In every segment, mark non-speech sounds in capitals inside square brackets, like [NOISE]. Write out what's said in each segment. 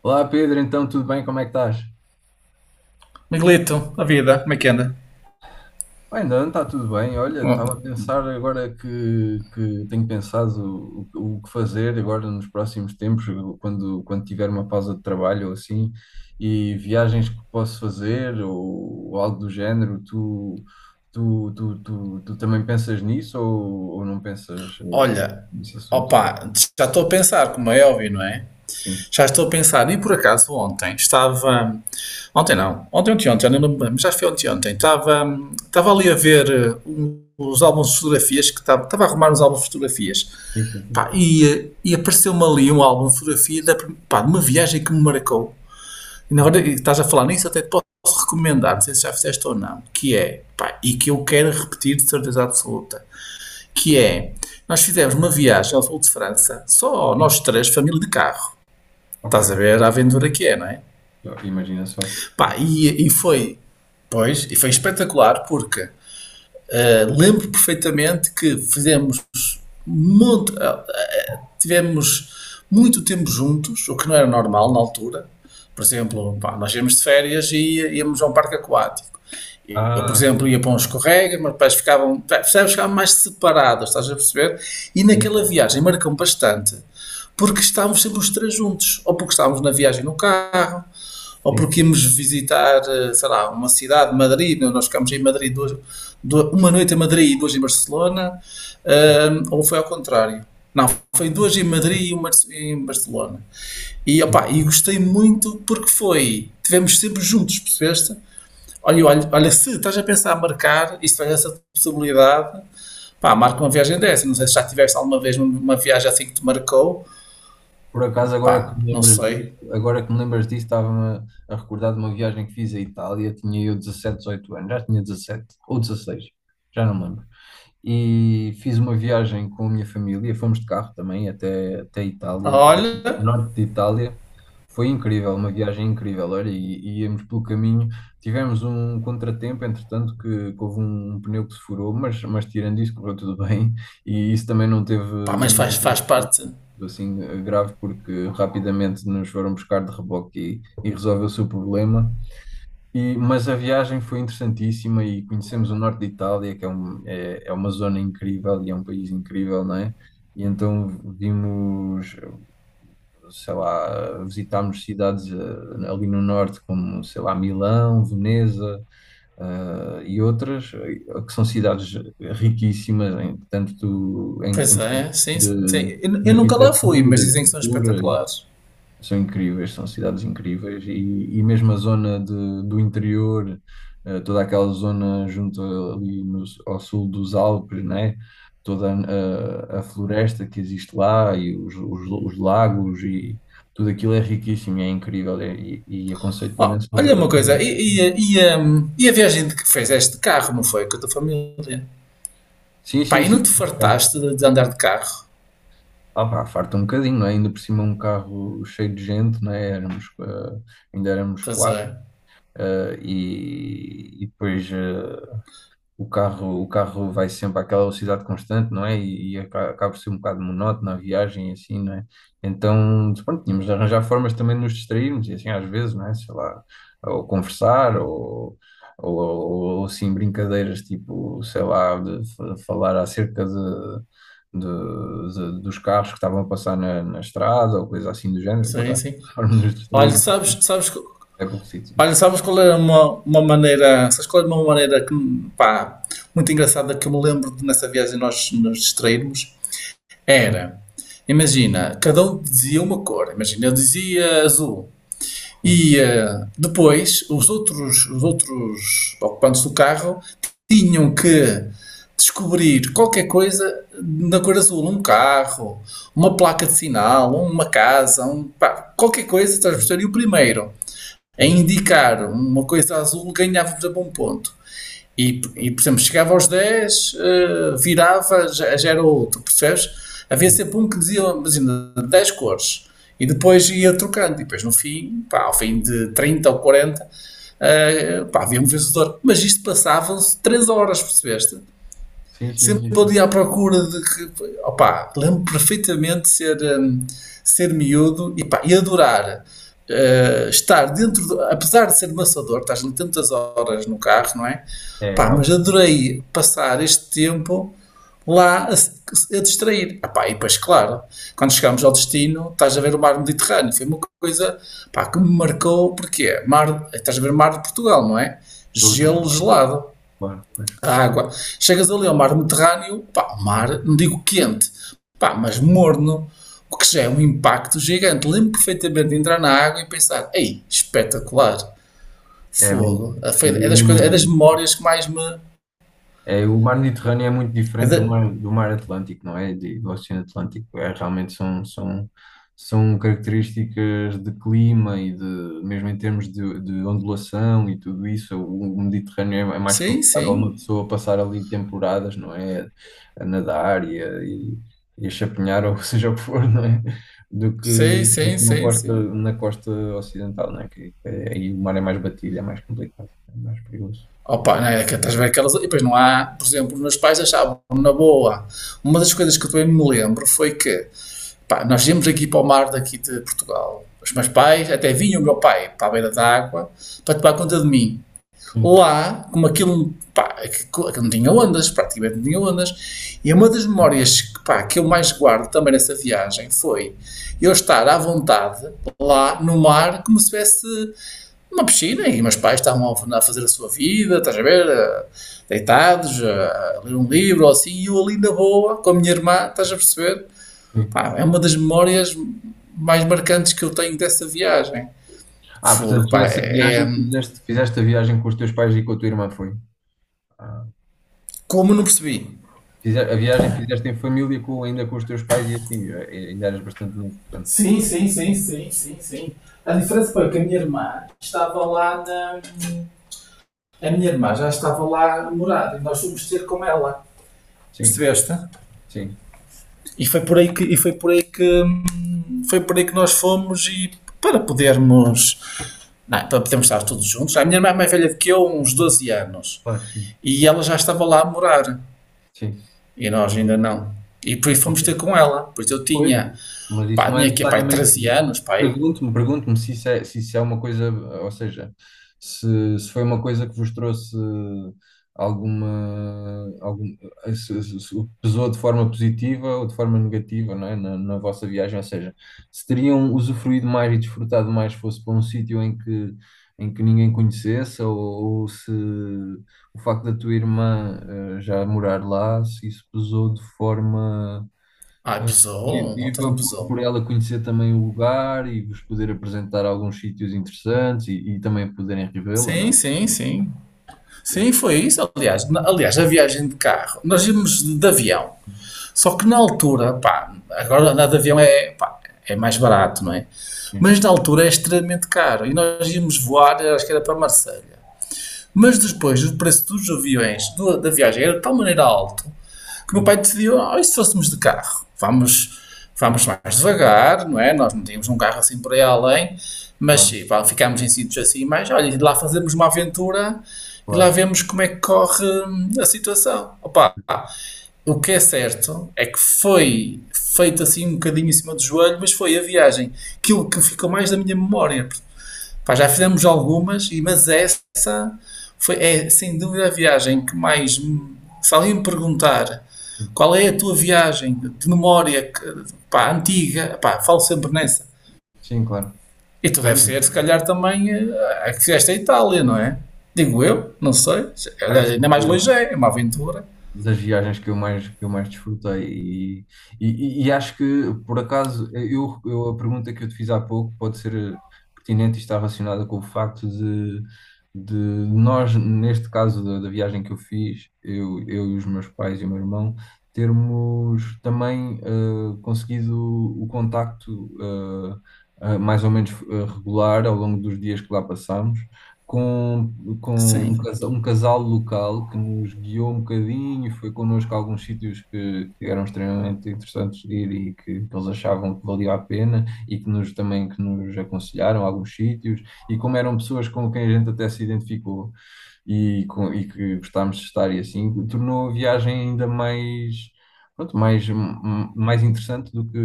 Olá Pedro, então tudo bem? Como é que estás? Miguelito, a vida, como é que anda? Bem, não, está tudo bem. Olha, Hum. estava a pensar agora que tenho pensado o que fazer agora nos próximos tempos, quando tiver uma pausa de trabalho ou assim, e viagens que posso fazer ou algo do género. Tu também pensas nisso ou não pensas Olha, nesse assunto? opa, já estou a pensar, como é óbvio, não é? Sim. Já estou a pensar, e por acaso ontem estava. Ontem não, ontem, ontem, ontem, já nem lembro bem, mas já foi ontem, ontem. Estava ali a ver os álbuns de fotografias, que estava a arrumar os álbuns de fotografias. Sim, Pá, sim, e apareceu-me ali um álbum de fotografia pá, de uma viagem que me marcou. E na sim. hora que estás a falar nisso, até te posso recomendar, não sei se já fizeste ou não, que é, pá, e que eu quero repetir de certeza absoluta, que é, nós fizemos uma viagem ao sul de França, só nós Sim. três, família de carro. Ok. Estás a ver a aventura que é, não é? Então, imagina só. Pá, e foi, pois, e foi espetacular, porque lembro perfeitamente que fizemos tivemos muito tempo juntos, o que não era normal na altura. Por exemplo, pá, nós íamos de férias e íamos a um parque aquático. Eu, por Ah, exemplo, ia para uns escorrega, meus pais ficavam, percebes, ficavam mais separados, estás a perceber? E sim, naquela viagem marcam bastante, porque estávamos sempre os três juntos, ou porque estávamos na viagem no carro, ou sim, porque íamos visitar, sei lá, uma cidade, Madrid, né? Nós ficámos em Madrid duas, uma noite em Madrid e duas em Barcelona, certo. Ou foi ao contrário. Não, foi duas em Madrid e uma em Barcelona. E, opa, Sim. e gostei muito porque foi, tivemos sempre juntos, percebeste? Olha, olha, olha, se estás a pensar em marcar e se tens essa possibilidade, pá, marca uma viagem dessa. Não sei se já tiveste alguma vez uma viagem assim que te marcou, Por acaso, agora que pá, me não lembras disso, sei. agora que me lembras disso, estava-me a recordar de uma viagem que fiz à Itália. Tinha eu 17, 18 anos, já tinha 17 ou 16, já não me lembro, e fiz uma viagem com a minha família. Fomos de carro também até Itália, até o Olha, norte de Itália. Foi incrível, uma viagem incrível. Olha, e, íamos pelo caminho. Tivemos um contratempo, entretanto, que houve um pneu que se furou, mas tirando isso, correu tudo bem. [LAUGHS] E isso também não teve pá, mas faz parte. assim grave, porque rapidamente nos foram buscar de reboque e resolveu-se o problema. E mas a viagem foi interessantíssima e conhecemos o norte de Itália, que é uma zona incrível e é um país incrível, não é? E então vimos, sei lá, visitámos cidades ali no norte, como, sei lá, Milão, Veneza, e outras, que são cidades riquíssimas, em, tanto em, Pois em é, termos sim, sim. de, de Eu nunca lá fui, mas arquitetura, de dizem que são cultura, espetaculares. são incríveis, são cidades incríveis, e mesmo a zona do interior, toda aquela zona junto ali no, ao sul dos Alpes, né? Toda a floresta que existe lá, e os lagos, e tudo aquilo é riquíssimo e é incrível, e aconselho Ó, imenso olha uma fazer. coisa, e a viagem de que fizeste de carro, não foi? Com a tua família? Sim, Pá, sim, e não te sim. fartaste de andar de carro? Ah, pá, farta um bocadinho, não é? Ainda por cima um carro cheio de gente, não é? Éramos, ainda éramos Pois quatro. é, E depois, o carro vai sempre àquela velocidade constante, não é? E acaba por ser um bocado monótono a viagem, e assim, não é? Então, pronto, tínhamos de arranjar formas também de nos distrairmos, e assim, às vezes, não é? Sei lá, ou conversar, ou, ou, assim, brincadeiras, tipo, sei lá, de falar acerca de, dos carros que estavam a passar na estrada ou coisa assim do género. sim, Encontramos sim. formas de nos Olha, distrairmos. sabes, sabes que É por si. Olha, sabes qual é uma maneira, sabes qual é uma maneira que, pá, muito engraçada que eu me lembro de nessa viagem nós nos distrairmos? Sim, Era, imagina, cada um dizia uma cor, imagina, eu dizia azul. Depois os outros ocupantes do carro tinham que descobrir qualquer coisa na cor azul, um carro, uma placa de sinal, uma casa, um, pá, qualquer coisa, estás a perceber? E o primeiro a sim, indicar uma coisa azul, ganhávamos a bom ponto. E por exemplo, chegava aos 10 virava, já era outro, percebes? Havia sempre um que dizia, imagina, 10 cores. E depois ia trocando. E depois no fim, pá, ao fim de 30 ou 40 pá, havia um vencedor. Mas isto passavam-se 3 horas, percebeste? sim, sim, sim, Sempre sim. ali Sim. à procura de que. Opá, lembro perfeitamente de ser miúdo e, pá, e adorar. Estar dentro, do, apesar de ser maçador, estás ali tantas horas no carro, não é? É, Pá, acaba. mas adorei passar este tempo lá a distrair. Ah, pá, e depois, claro, quando chegámos ao destino, estás a ver o mar Mediterrâneo. Foi uma coisa pá, que me marcou, porque é mar, estás a ver o mar de Portugal, não é? Tudo, Gelo tudo. gelado Claro, pois. a água. Chegas ali ao mar Mediterrâneo, pá, mar, não digo quente, pá, mas morno, o que já é um impacto gigante. Lembro perfeitamente de entrar na água e pensar, ei, espetacular, É mesmo. fogo. Sim, É eu das coisas, é das imagino. memórias que mais me... É, o mar Mediterrâneo é muito é diferente do da- mar Atlântico, não é? Do Oceano Atlântico. É, realmente são, são características de clima e de, mesmo em termos de ondulação e tudo isso. O Mediterrâneo é mais Sim, favorável a uma sim, pessoa passar ali temporadas, não é? A nadar, e a chapinhar, ou [LAUGHS] seja o que for, não é? Do que, sim, do sim, que na sim, costa, sim. na costa ocidental, não é? Que é aí o mar é mais batido, é mais complicado, é mais perigoso. Opa, não é que estás a ver aquelas... E depois não há, por exemplo, os meus pais achavam, na boa, uma das coisas que eu também me lembro foi que pá, nós íamos aqui para o mar daqui de Portugal. Os meus pais, até vinha o meu pai para a beira da água para tomar conta de mim. Sim, Lá, como aquilo, pá, aquilo não tinha ondas, praticamente não tinha ondas, e uma das memórias que, pá, que eu mais guardo também nessa viagem foi eu estar à vontade lá no mar como se tivesse uma piscina e meus pais estavam a fazer a sua vida, estás a ver, deitados, a ler um livro ou assim, e eu ali na boa com a minha irmã, estás a perceber? sim. Pá, é uma das memórias mais marcantes que eu tenho dessa viagem. Ah, portanto, Fogo, tu pá, essa viagem fizeste, a viagem com os teus pais e com a tua irmã, foi? Ah, Como não percebi? A viagem fizeste em família, ainda com os teus pais e assim, ainda eras bastante novo, portanto. Sim, sim, sim, sim, sim, sim. A diferença foi que a minha irmã estava lá na. A minha irmã já estava lá a morar e nós fomos ter com ela. Sim, Percebeste? sim, E foi por aí que. E foi por aí que. Foi por aí que nós fomos e para podermos. Não, é, para podermos estar todos juntos. A minha irmã é mais velha do que eu, uns 12 anos. claro, sim, E ela já estava lá a morar. sim. E nós ainda não. E por isso Ok. fomos ter com ela. Pois eu Pois, tinha, mas isso pá, não é tinha aqui, pá, necessariamente. 13 anos, pá, aí. Pergunto-me se isso é, uma coisa, ou seja, se foi uma coisa que vos trouxe alguma, se, se pesou de forma positiva ou de forma negativa, não é? Na vossa viagem, ou seja, se teriam usufruído mais e desfrutado mais se fosse para um sítio em que ninguém conhecesse, ou se o facto da tua irmã já morar lá, se isso pesou de forma Ai, pesou, outra não positiva por, pesou. por ela conhecer também o lugar e vos poder apresentar alguns sítios interessantes, e também poderem revê-la, não Sim, é? sim, sim. Sim, Pois, foi isso. Aliás, aliás, a viagem de carro, nós íamos de avião. Só que na altura, pá, agora andar de avião é, pá, é mais barato, não é? sim, Mas na altura é extremamente caro. E nós íamos voar, acho que era para Marselha. Mas depois o preço dos aviões da viagem era de tal maneira alto que o meu pai sim, decidiu, oh, e se fôssemos de carro? Vamos, vamos pois, mais devagar, não é? Nós não tínhamos um carro assim por aí além, mas claro, pá, ficámos em sítios assim, mas olha, e lá fazemos uma aventura e lá claro, vemos como é que corre a situação. Opa, o que é certo é que foi feito assim um bocadinho em cima do joelho, mas foi a viagem, aquilo que ficou mais da minha memória, pá, já fizemos algumas, mas essa foi, é sem dúvida a viagem que mais. Se alguém me perguntar sim, qual é a tua viagem de memória pá, antiga, pá, falo sempre nessa. sim, claro. E tu deve Pois, ser, se calhar, também a que fizeste a Itália, não é? Digo eu, não sei. ai, Olha, sim, ainda mais longe é, é uma aventura. das viagens que eu mais, desfrutei. E, e acho que, por acaso, eu, a pergunta que eu te fiz há pouco pode ser pertinente e está relacionada com o facto de nós, neste caso da viagem que eu fiz, eu, e os meus pais e o meu irmão, termos também conseguido o contacto mais ou menos regular ao longo dos dias que lá passámos com, com um Sim, casal local que nos guiou um bocadinho, foi connosco a alguns sítios que eram extremamente interessantes de ir, e que eles achavam que valia a pena, e que nos também que nos aconselharam a alguns sítios, e como eram pessoas com quem a gente até se identificou e que gostámos de estar e assim, tornou a viagem ainda mais, pronto, mais interessante do que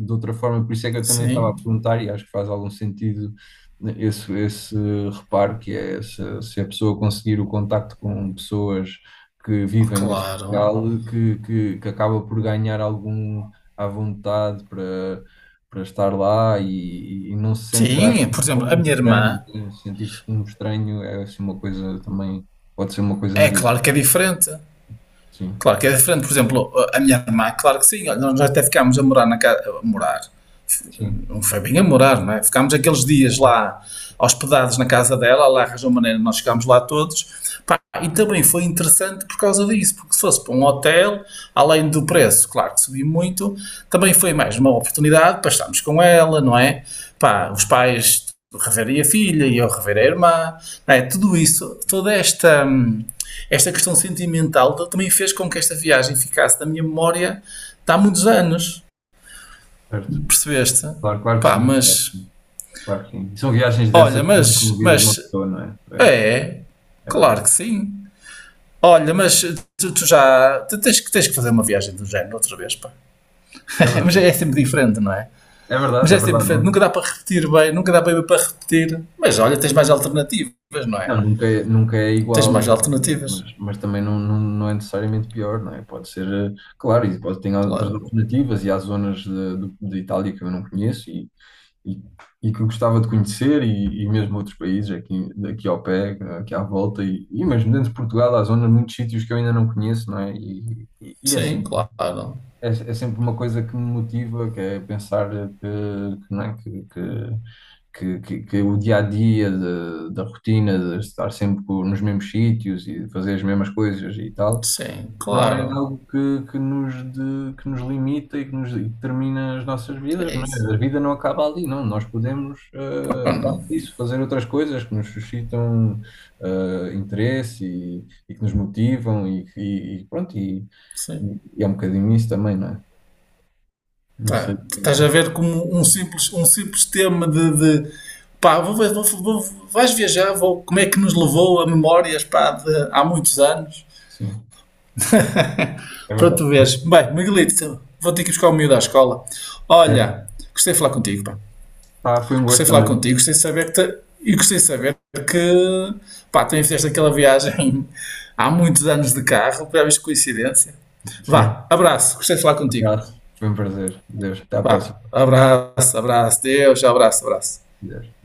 de outra forma. Por isso é que eu também estava a sim, perguntar, e acho que faz algum sentido, né, esse reparo, que é se, a pessoa conseguir o contacto com pessoas que vivem nesse claro. local, que acaba por ganhar algum à vontade para estar lá, e não se sente já Sim, por exemplo, a um minha estranho, irmã, né? Sentir-se um estranho é assim uma coisa também, pode ser uma coisa é claro negativa. que é diferente. Sim, Claro que é diferente, por exemplo, a minha irmã, claro que sim, olha, nós até ficámos a morar na casa, a morar, sim, não foi bem a morar, não é? Ficámos aqueles dias lá hospedados na casa dela, lá arranjou maneira, nós ficámos lá todos. Pá, e também foi interessante por causa disso, porque se fosse para um hotel, além do preço, claro que subiu muito, também foi mais uma oportunidade para estarmos com ela, não é? Pá, os pais reverem a filha e eu rever a irmã, não é? Tudo isso, toda esta. Esta questão sentimental também fez com que esta viagem ficasse na minha memória de há muitos anos, certo. percebeste? Claro, claro que Pá, sim, é, mas claro que sim. E são viagens olha, dessas muito mas, comovidas de uma mas pessoa, não é? É, é, é claro verdade, que sim. Olha, mas tu já tens que fazer uma viagem do género outra vez, pá. é [LAUGHS] Mas é verdade. sempre diferente, não é? É Mas verdade, é é sempre verdade. diferente, Não, nunca dá para repetir bem, nunca dá bem para repetir. Mas olha, tens mais alternativas, não é? não, nunca nunca é Tens igual, mais alternativas, mas também não, não é necessariamente pior, não é? Pode ser, claro, e pode ter outras claro. alternativas, e há zonas de Itália que eu não conheço, e, e que gostava de conhecer, e mesmo outros países aqui, ao pé, aqui à volta, e mesmo dentro de Portugal há zonas, muitos sítios que eu ainda não conheço, não é? E é Sim, sempre, claro. é sempre uma coisa que me motiva, que é pensar que, não é? Que o dia a dia da rotina, de estar sempre nos mesmos sítios e fazer as mesmas coisas e tal, Sim, não é claro. algo que nos limita e que determina as nossas vidas, É não isso. é? A vida não acaba ali, não. Nós podemos, Pronto, aparte disso, fazer outras coisas que nos suscitam, interesse, e que nos motivam, e pronto, e, sim. e- e é um bocadinho isso também, não é? Não sei o Tá, que estás a pensas. ver como um simples tema de, pá, vais viajar, como é que nos levou a memórias pá, de há muitos anos Sim, é para verdade. tu veres. Bem, Miguelito, vou ter que ir buscar o miúdo à escola. Certo. Olha, gostei de falar contigo, pá. Ah, foi um gosto Gostei de falar também. contigo, gostei de saber e gostei de saber que pá, também fizeste aquela viagem [LAUGHS] há muitos anos de carro, para ver coincidência. Sim. Vá, abraço, gostei de falar contigo. Obrigado. Foi um prazer. Deus, até à próxima. Vá, abraço, abraço, Deus, abraço, abraço. Adeus.